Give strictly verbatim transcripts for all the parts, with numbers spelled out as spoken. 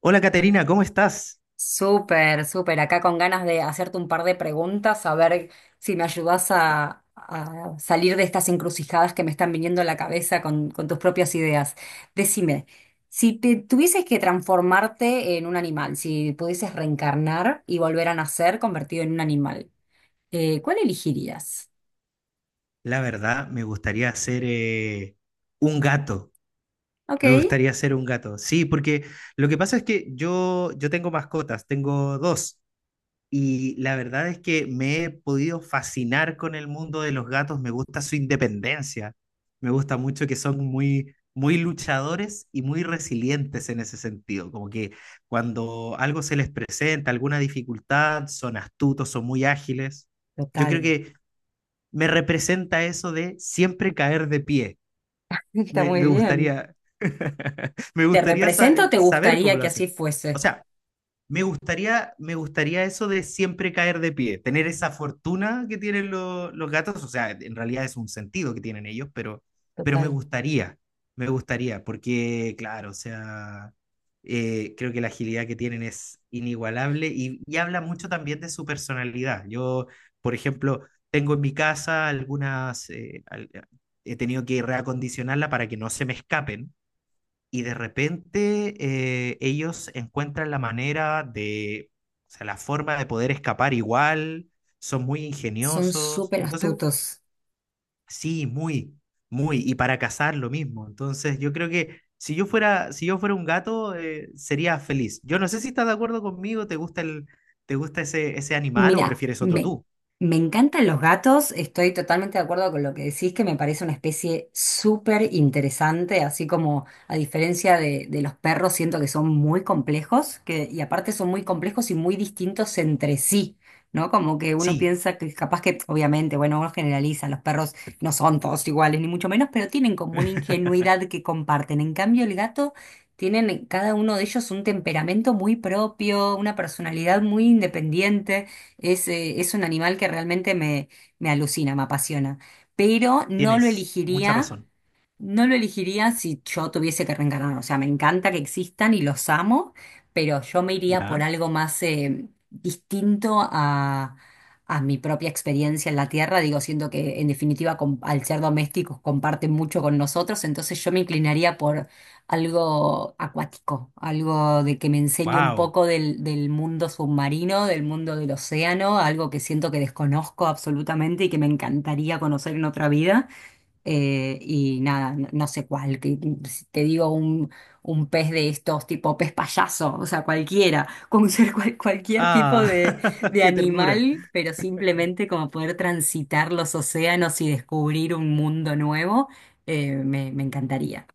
Hola Caterina, ¿cómo estás? Súper, súper. Acá con ganas de hacerte un par de preguntas, a ver si me ayudas a, a salir de estas encrucijadas que me están viniendo a la cabeza con, con tus propias ideas. Decime, si te tuvieses que transformarte en un animal, si pudieses reencarnar y volver a nacer convertido en un animal, eh, ¿cuál elegirías? La verdad, me gustaría ser eh, un gato. Ok, Me gustaría ser un gato. Sí, porque lo que pasa es que yo, yo tengo mascotas, tengo dos. Y la verdad es que me he podido fascinar con el mundo de los gatos. Me gusta su independencia. Me gusta mucho que son muy, muy luchadores y muy resilientes en ese sentido. Como que cuando algo se les presenta, alguna dificultad, son astutos, son muy ágiles. Yo creo total. que me representa eso de siempre caer de pie. Está Me, muy me bien. gustaría, me ¿Te gustaría sa- represento o te saber cómo gustaría lo que hacen. así O fuese? sea, me gustaría, me gustaría eso de siempre caer de pie, tener esa fortuna que tienen lo- los gatos, o sea, en realidad es un sentido que tienen ellos, pero, pero me Total. gustaría, me gustaría, porque claro, o sea, eh, creo que la agilidad que tienen es inigualable y, y habla mucho también de su personalidad. Yo, por ejemplo, tengo en mi casa algunas, eh, al- eh, he tenido que reacondicionarla para que no se me escapen y de repente eh, ellos encuentran la manera de, o sea, la forma de poder escapar igual, son muy Son ingeniosos. súper Entonces, astutos. sí, muy, muy. Y para cazar lo mismo. Entonces, yo creo que si yo fuera, si yo fuera un gato, eh, sería feliz. Yo no sé si estás de acuerdo conmigo, ¿te gusta el, te gusta ese, ese animal o Mira, prefieres otro me, tú? me encantan los gatos, estoy totalmente de acuerdo con lo que decís, que me parece una especie súper interesante, así como a diferencia de, de los perros, siento que son muy complejos, que, y aparte son muy complejos y muy distintos entre sí, ¿no? Como que uno Sí, piensa que capaz que, obviamente, bueno, uno generaliza, los perros no son todos iguales, ni mucho menos, pero tienen como una ingenuidad que comparten. En cambio, el gato... Tienen cada uno de ellos un temperamento muy propio, una personalidad muy independiente. Es, eh, es un animal que realmente me, me alucina, me apasiona, pero no lo tienes mucha elegiría. razón. No lo elegiría si yo tuviese que reencarnar. O sea, me encanta que existan y los amo, pero yo me iría por Ya. algo más eh, distinto a, a mi propia experiencia en la Tierra. Digo, siento que en definitiva com- al ser domésticos comparten mucho con nosotros, entonces yo me inclinaría por algo acuático, algo de que me enseñe un Wow. poco del, del mundo submarino, del mundo del océano, algo que siento que desconozco absolutamente y que me encantaría conocer en otra vida. Eh, y nada, no, no sé cuál, que, que si te digo un, un pez de estos, tipo pez payaso, o sea, cualquiera, con ser cual- cualquier tipo Ah, de, de qué ternura. animal, pero simplemente como poder transitar los océanos y descubrir un mundo nuevo, eh, me, me encantaría.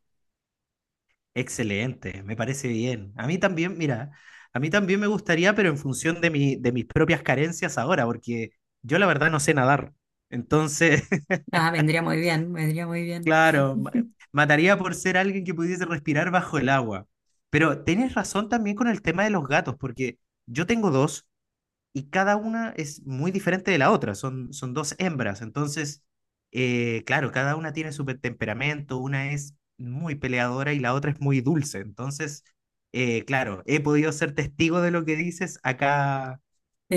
Excelente, me parece bien. A mí también, mira, a mí también me gustaría, pero en función de mi, de mis propias carencias ahora, porque yo la verdad no sé nadar. Entonces, Ah, vendría muy bien, vendría muy bien. claro, ma- mataría por ser alguien que pudiese respirar bajo el agua. Pero tenés razón también con el tema de los gatos, porque yo tengo dos y cada una es muy diferente de la otra, son, son dos hembras, entonces, eh, claro, cada una tiene su pe- temperamento, una es muy peleadora y la otra es muy dulce, entonces, eh, claro, he podido ser testigo de lo que dices acá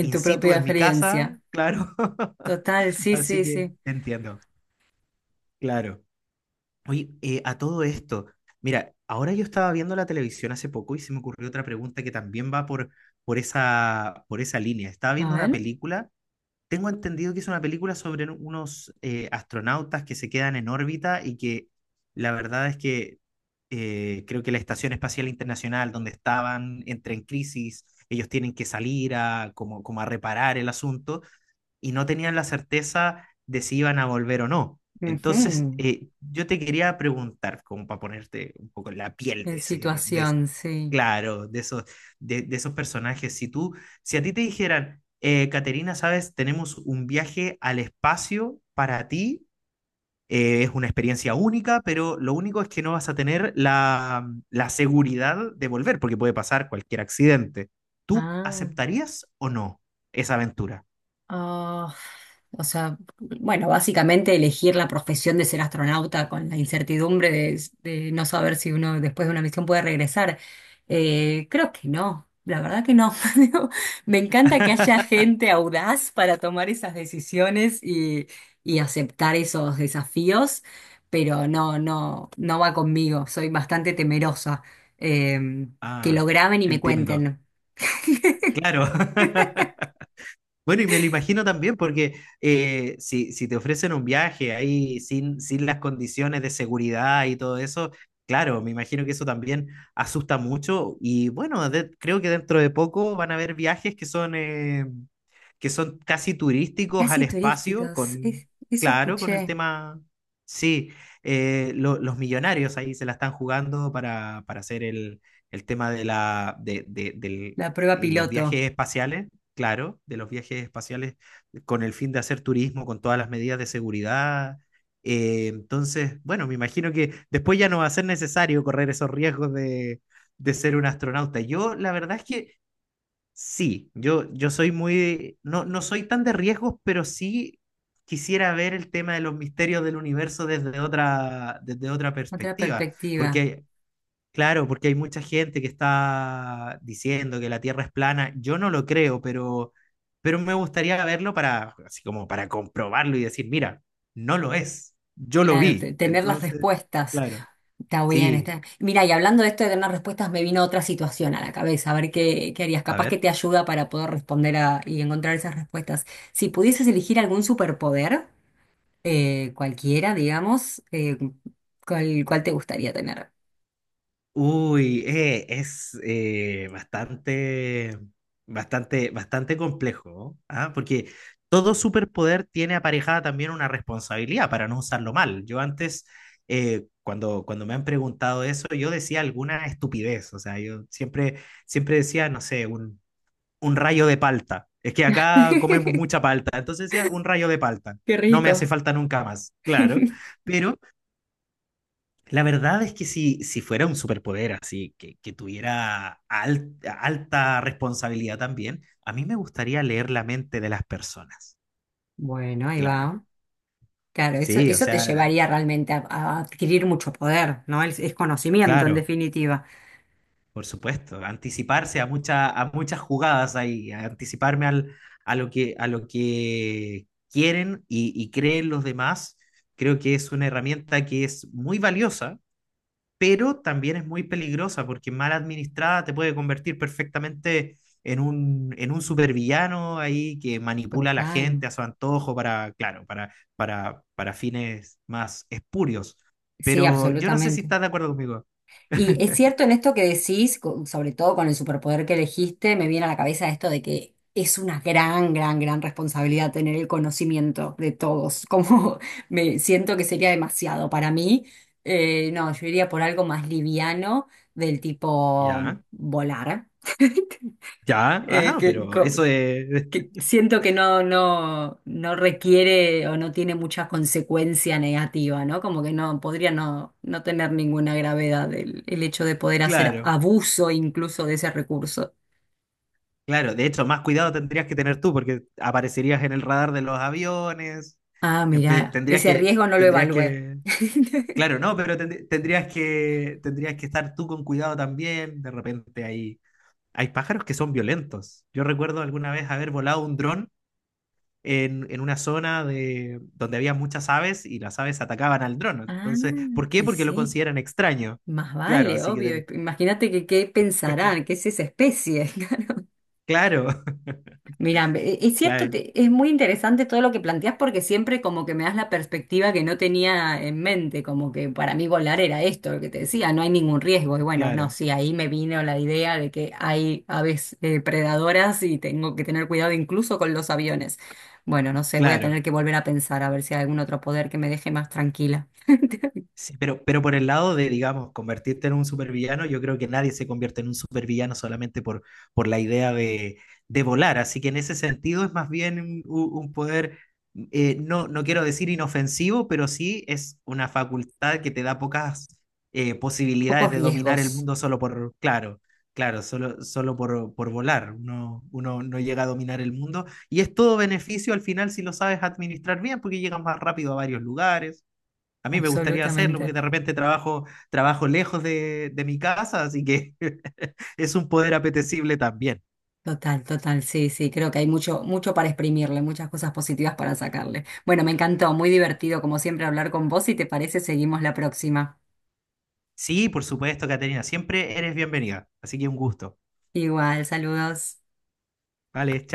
En tu situ propia en mi casa, experiencia. claro, Total, sí, así sí, que sí. entiendo, claro. Oye, eh, a todo esto, mira, ahora yo estaba viendo la televisión hace poco y se me ocurrió otra pregunta que también va por, por esa, por esa línea. Estaba A viendo una ver. película, tengo entendido que es una película sobre unos eh, astronautas que se quedan en órbita y que la verdad es que eh, creo que la Estación Espacial Internacional, donde estaban, entra en crisis, ellos tienen que salir a, como, como a reparar el asunto y no tenían la certeza de si iban a volver o no. Entonces, Ujú. eh, yo te quería preguntar, como para ponerte un poco en la piel de En ese, de, situación, sí. claro, de esos, de, de esos personajes, si tú, si a ti te dijeran, eh, Caterina, sabes, tenemos un viaje al espacio para ti, eh, es una experiencia única, pero lo único es que no vas a tener la, la seguridad de volver, porque puede pasar cualquier accidente. ¿Tú Ah. aceptarías o no esa aventura? Ah, o sea, bueno, básicamente elegir la profesión de ser astronauta con la incertidumbre de, de no saber si uno después de una misión puede regresar. Eh, creo que no, la verdad que no. Digo, me encanta que haya gente audaz para tomar esas decisiones y, y aceptar esos desafíos, pero no, no, no va conmigo. Soy bastante temerosa. Em, que lo Ah, graben y me entiendo. cuenten. Claro. Bueno, y me lo imagino también porque eh, si, si te ofrecen un viaje ahí sin, sin las condiciones de seguridad y todo eso, claro, me imagino que eso también asusta mucho y bueno, de- creo que dentro de poco van a haber viajes que son… eh, que son casi turísticos al Casi espacio, turísticos, es- con, eso claro, con el escuché. tema, sí, eh, lo- los millonarios ahí se la están jugando para, para hacer el, el tema de la, de, de- del- La prueba los piloto, viajes espaciales, claro, de los viajes espaciales con el fin de hacer turismo, con todas las medidas de seguridad. Eh, entonces, bueno, me imagino que después ya no va a ser necesario correr esos riesgos de, de ser un astronauta. Yo, la verdad es que sí, yo, yo soy muy, no, no soy tan de riesgos, pero sí quisiera ver el tema de los misterios del universo desde otra, desde otra otra perspectiva, perspectiva. porque, claro, porque hay mucha gente que está diciendo que la Tierra es plana, yo no lo creo, pero, pero me gustaría verlo para, así como para comprobarlo y decir, mira, no lo es, yo lo Claro, te- vi, tener las entonces, respuestas. claro, Está bien, sí, está. Mira, y hablando de esto de tener respuestas, me vino otra situación a la cabeza. A ver qué, qué harías. a Capaz que ver. te ayuda para poder responder a- y encontrar esas respuestas. Si pudieses elegir algún superpoder, eh, cualquiera, digamos, eh, ¿cuál, cuál te gustaría tener? Uy, eh, es eh, bastante, bastante, bastante complejo, ¿ah? Porque todo superpoder tiene aparejada también una responsabilidad para no usarlo mal. Yo antes, eh, cuando, cuando me han preguntado eso, yo decía alguna estupidez, o sea, yo siempre, siempre decía, no sé, un, un rayo de palta. Es que acá comemos mucha palta, entonces decía un rayo de palta. Qué No me hace rico. falta nunca más, claro, pero la verdad es que si, si fuera un superpoder así, que, que tuviera al- alta responsabilidad también, a mí me gustaría leer la mente de las personas. Bueno, ahí Claro. va. Claro, eso, Sí, o eso te sea, llevaría realmente a, a adquirir mucho poder, ¿no? Es, es conocimiento, en claro, definitiva. por supuesto. Anticiparse a, muchas a muchas jugadas ahí, a anticiparme al, a lo que, a lo que quieren y, y creen los demás, creo que es una herramienta que es muy valiosa pero también es muy peligrosa porque mal administrada te puede convertir perfectamente en un, en un supervillano ahí que manipula a la Total. gente a su antojo para, claro, para, para, para fines más espurios. Sí, Pero yo no sé si absolutamente. estás de acuerdo conmigo. Y es cierto en esto que decís, co- sobre todo con el superpoder que elegiste, me viene a la cabeza esto de que es una gran, gran, gran responsabilidad tener el conocimiento de todos. Como me siento que sería demasiado para mí. Eh, no, yo iría por algo más liviano del tipo Ya, volar. ya, Eh, ajá, que pero co- eso es, que siento que no, no, no requiere o no tiene mucha consecuencia negativa, ¿no? Como que no podría no, no tener ninguna gravedad el, el hecho de poder hacer claro, abuso incluso de ese recurso. claro. De hecho, más cuidado tendrías que tener tú porque aparecerías en el radar de los aviones, Ah, empe- mira, tendrías ese que, riesgo no lo tendrías evalué. que claro, no, pero tend- tendrías que, tendrías que estar tú con cuidado también. De repente hay, hay pájaros que son violentos. Yo recuerdo alguna vez haber volado un dron en, en una zona de, donde había muchas aves y las aves atacaban al dron. Ah, Entonces, ¿por qué? y Porque lo sí, consideran extraño. más Claro, vale, así que, obvio. ten- Imagínate que qué pensarán, qué es esa especie. claro, Mira, e- es cierto, claro, te- es muy interesante todo lo que planteas porque siempre como que me das la perspectiva que no tenía en mente, como que para mí volar era esto, lo que te decía, no hay ningún riesgo. Y bueno, no, claro, sí, ahí me vino la idea de que hay aves eh, predadoras y tengo que tener cuidado incluso con los aviones. Bueno, no sé, voy a claro. tener que volver a pensar a ver si hay algún otro poder que me deje más tranquila. Sí, pero, pero por el lado de, digamos, convertirte en un supervillano, yo creo que nadie se convierte en un supervillano solamente por, por la idea de, de volar. Así que en ese sentido es más bien un, un poder, eh, no, no quiero decir inofensivo, pero sí es una facultad que te da pocas eh, posibilidades Pocos de dominar el riesgos, mundo solo por, claro, claro, solo, solo por, por volar. Uno, uno no llega a dominar el mundo y es todo beneficio al final si lo sabes administrar bien, porque llegas más rápido a varios lugares a mí me gustaría hacerlo porque absolutamente. de repente trabajo, trabajo lejos de, de mi casa, así que es un poder apetecible también. Total, total, sí, sí, creo que hay mucho, mucho para exprimirle, muchas cosas positivas para sacarle. Bueno, me encantó, muy divertido como siempre hablar con vos y te parece, seguimos la próxima. Sí, por supuesto, Caterina, siempre eres bienvenida, así que un gusto. Igual, saludos. Vale,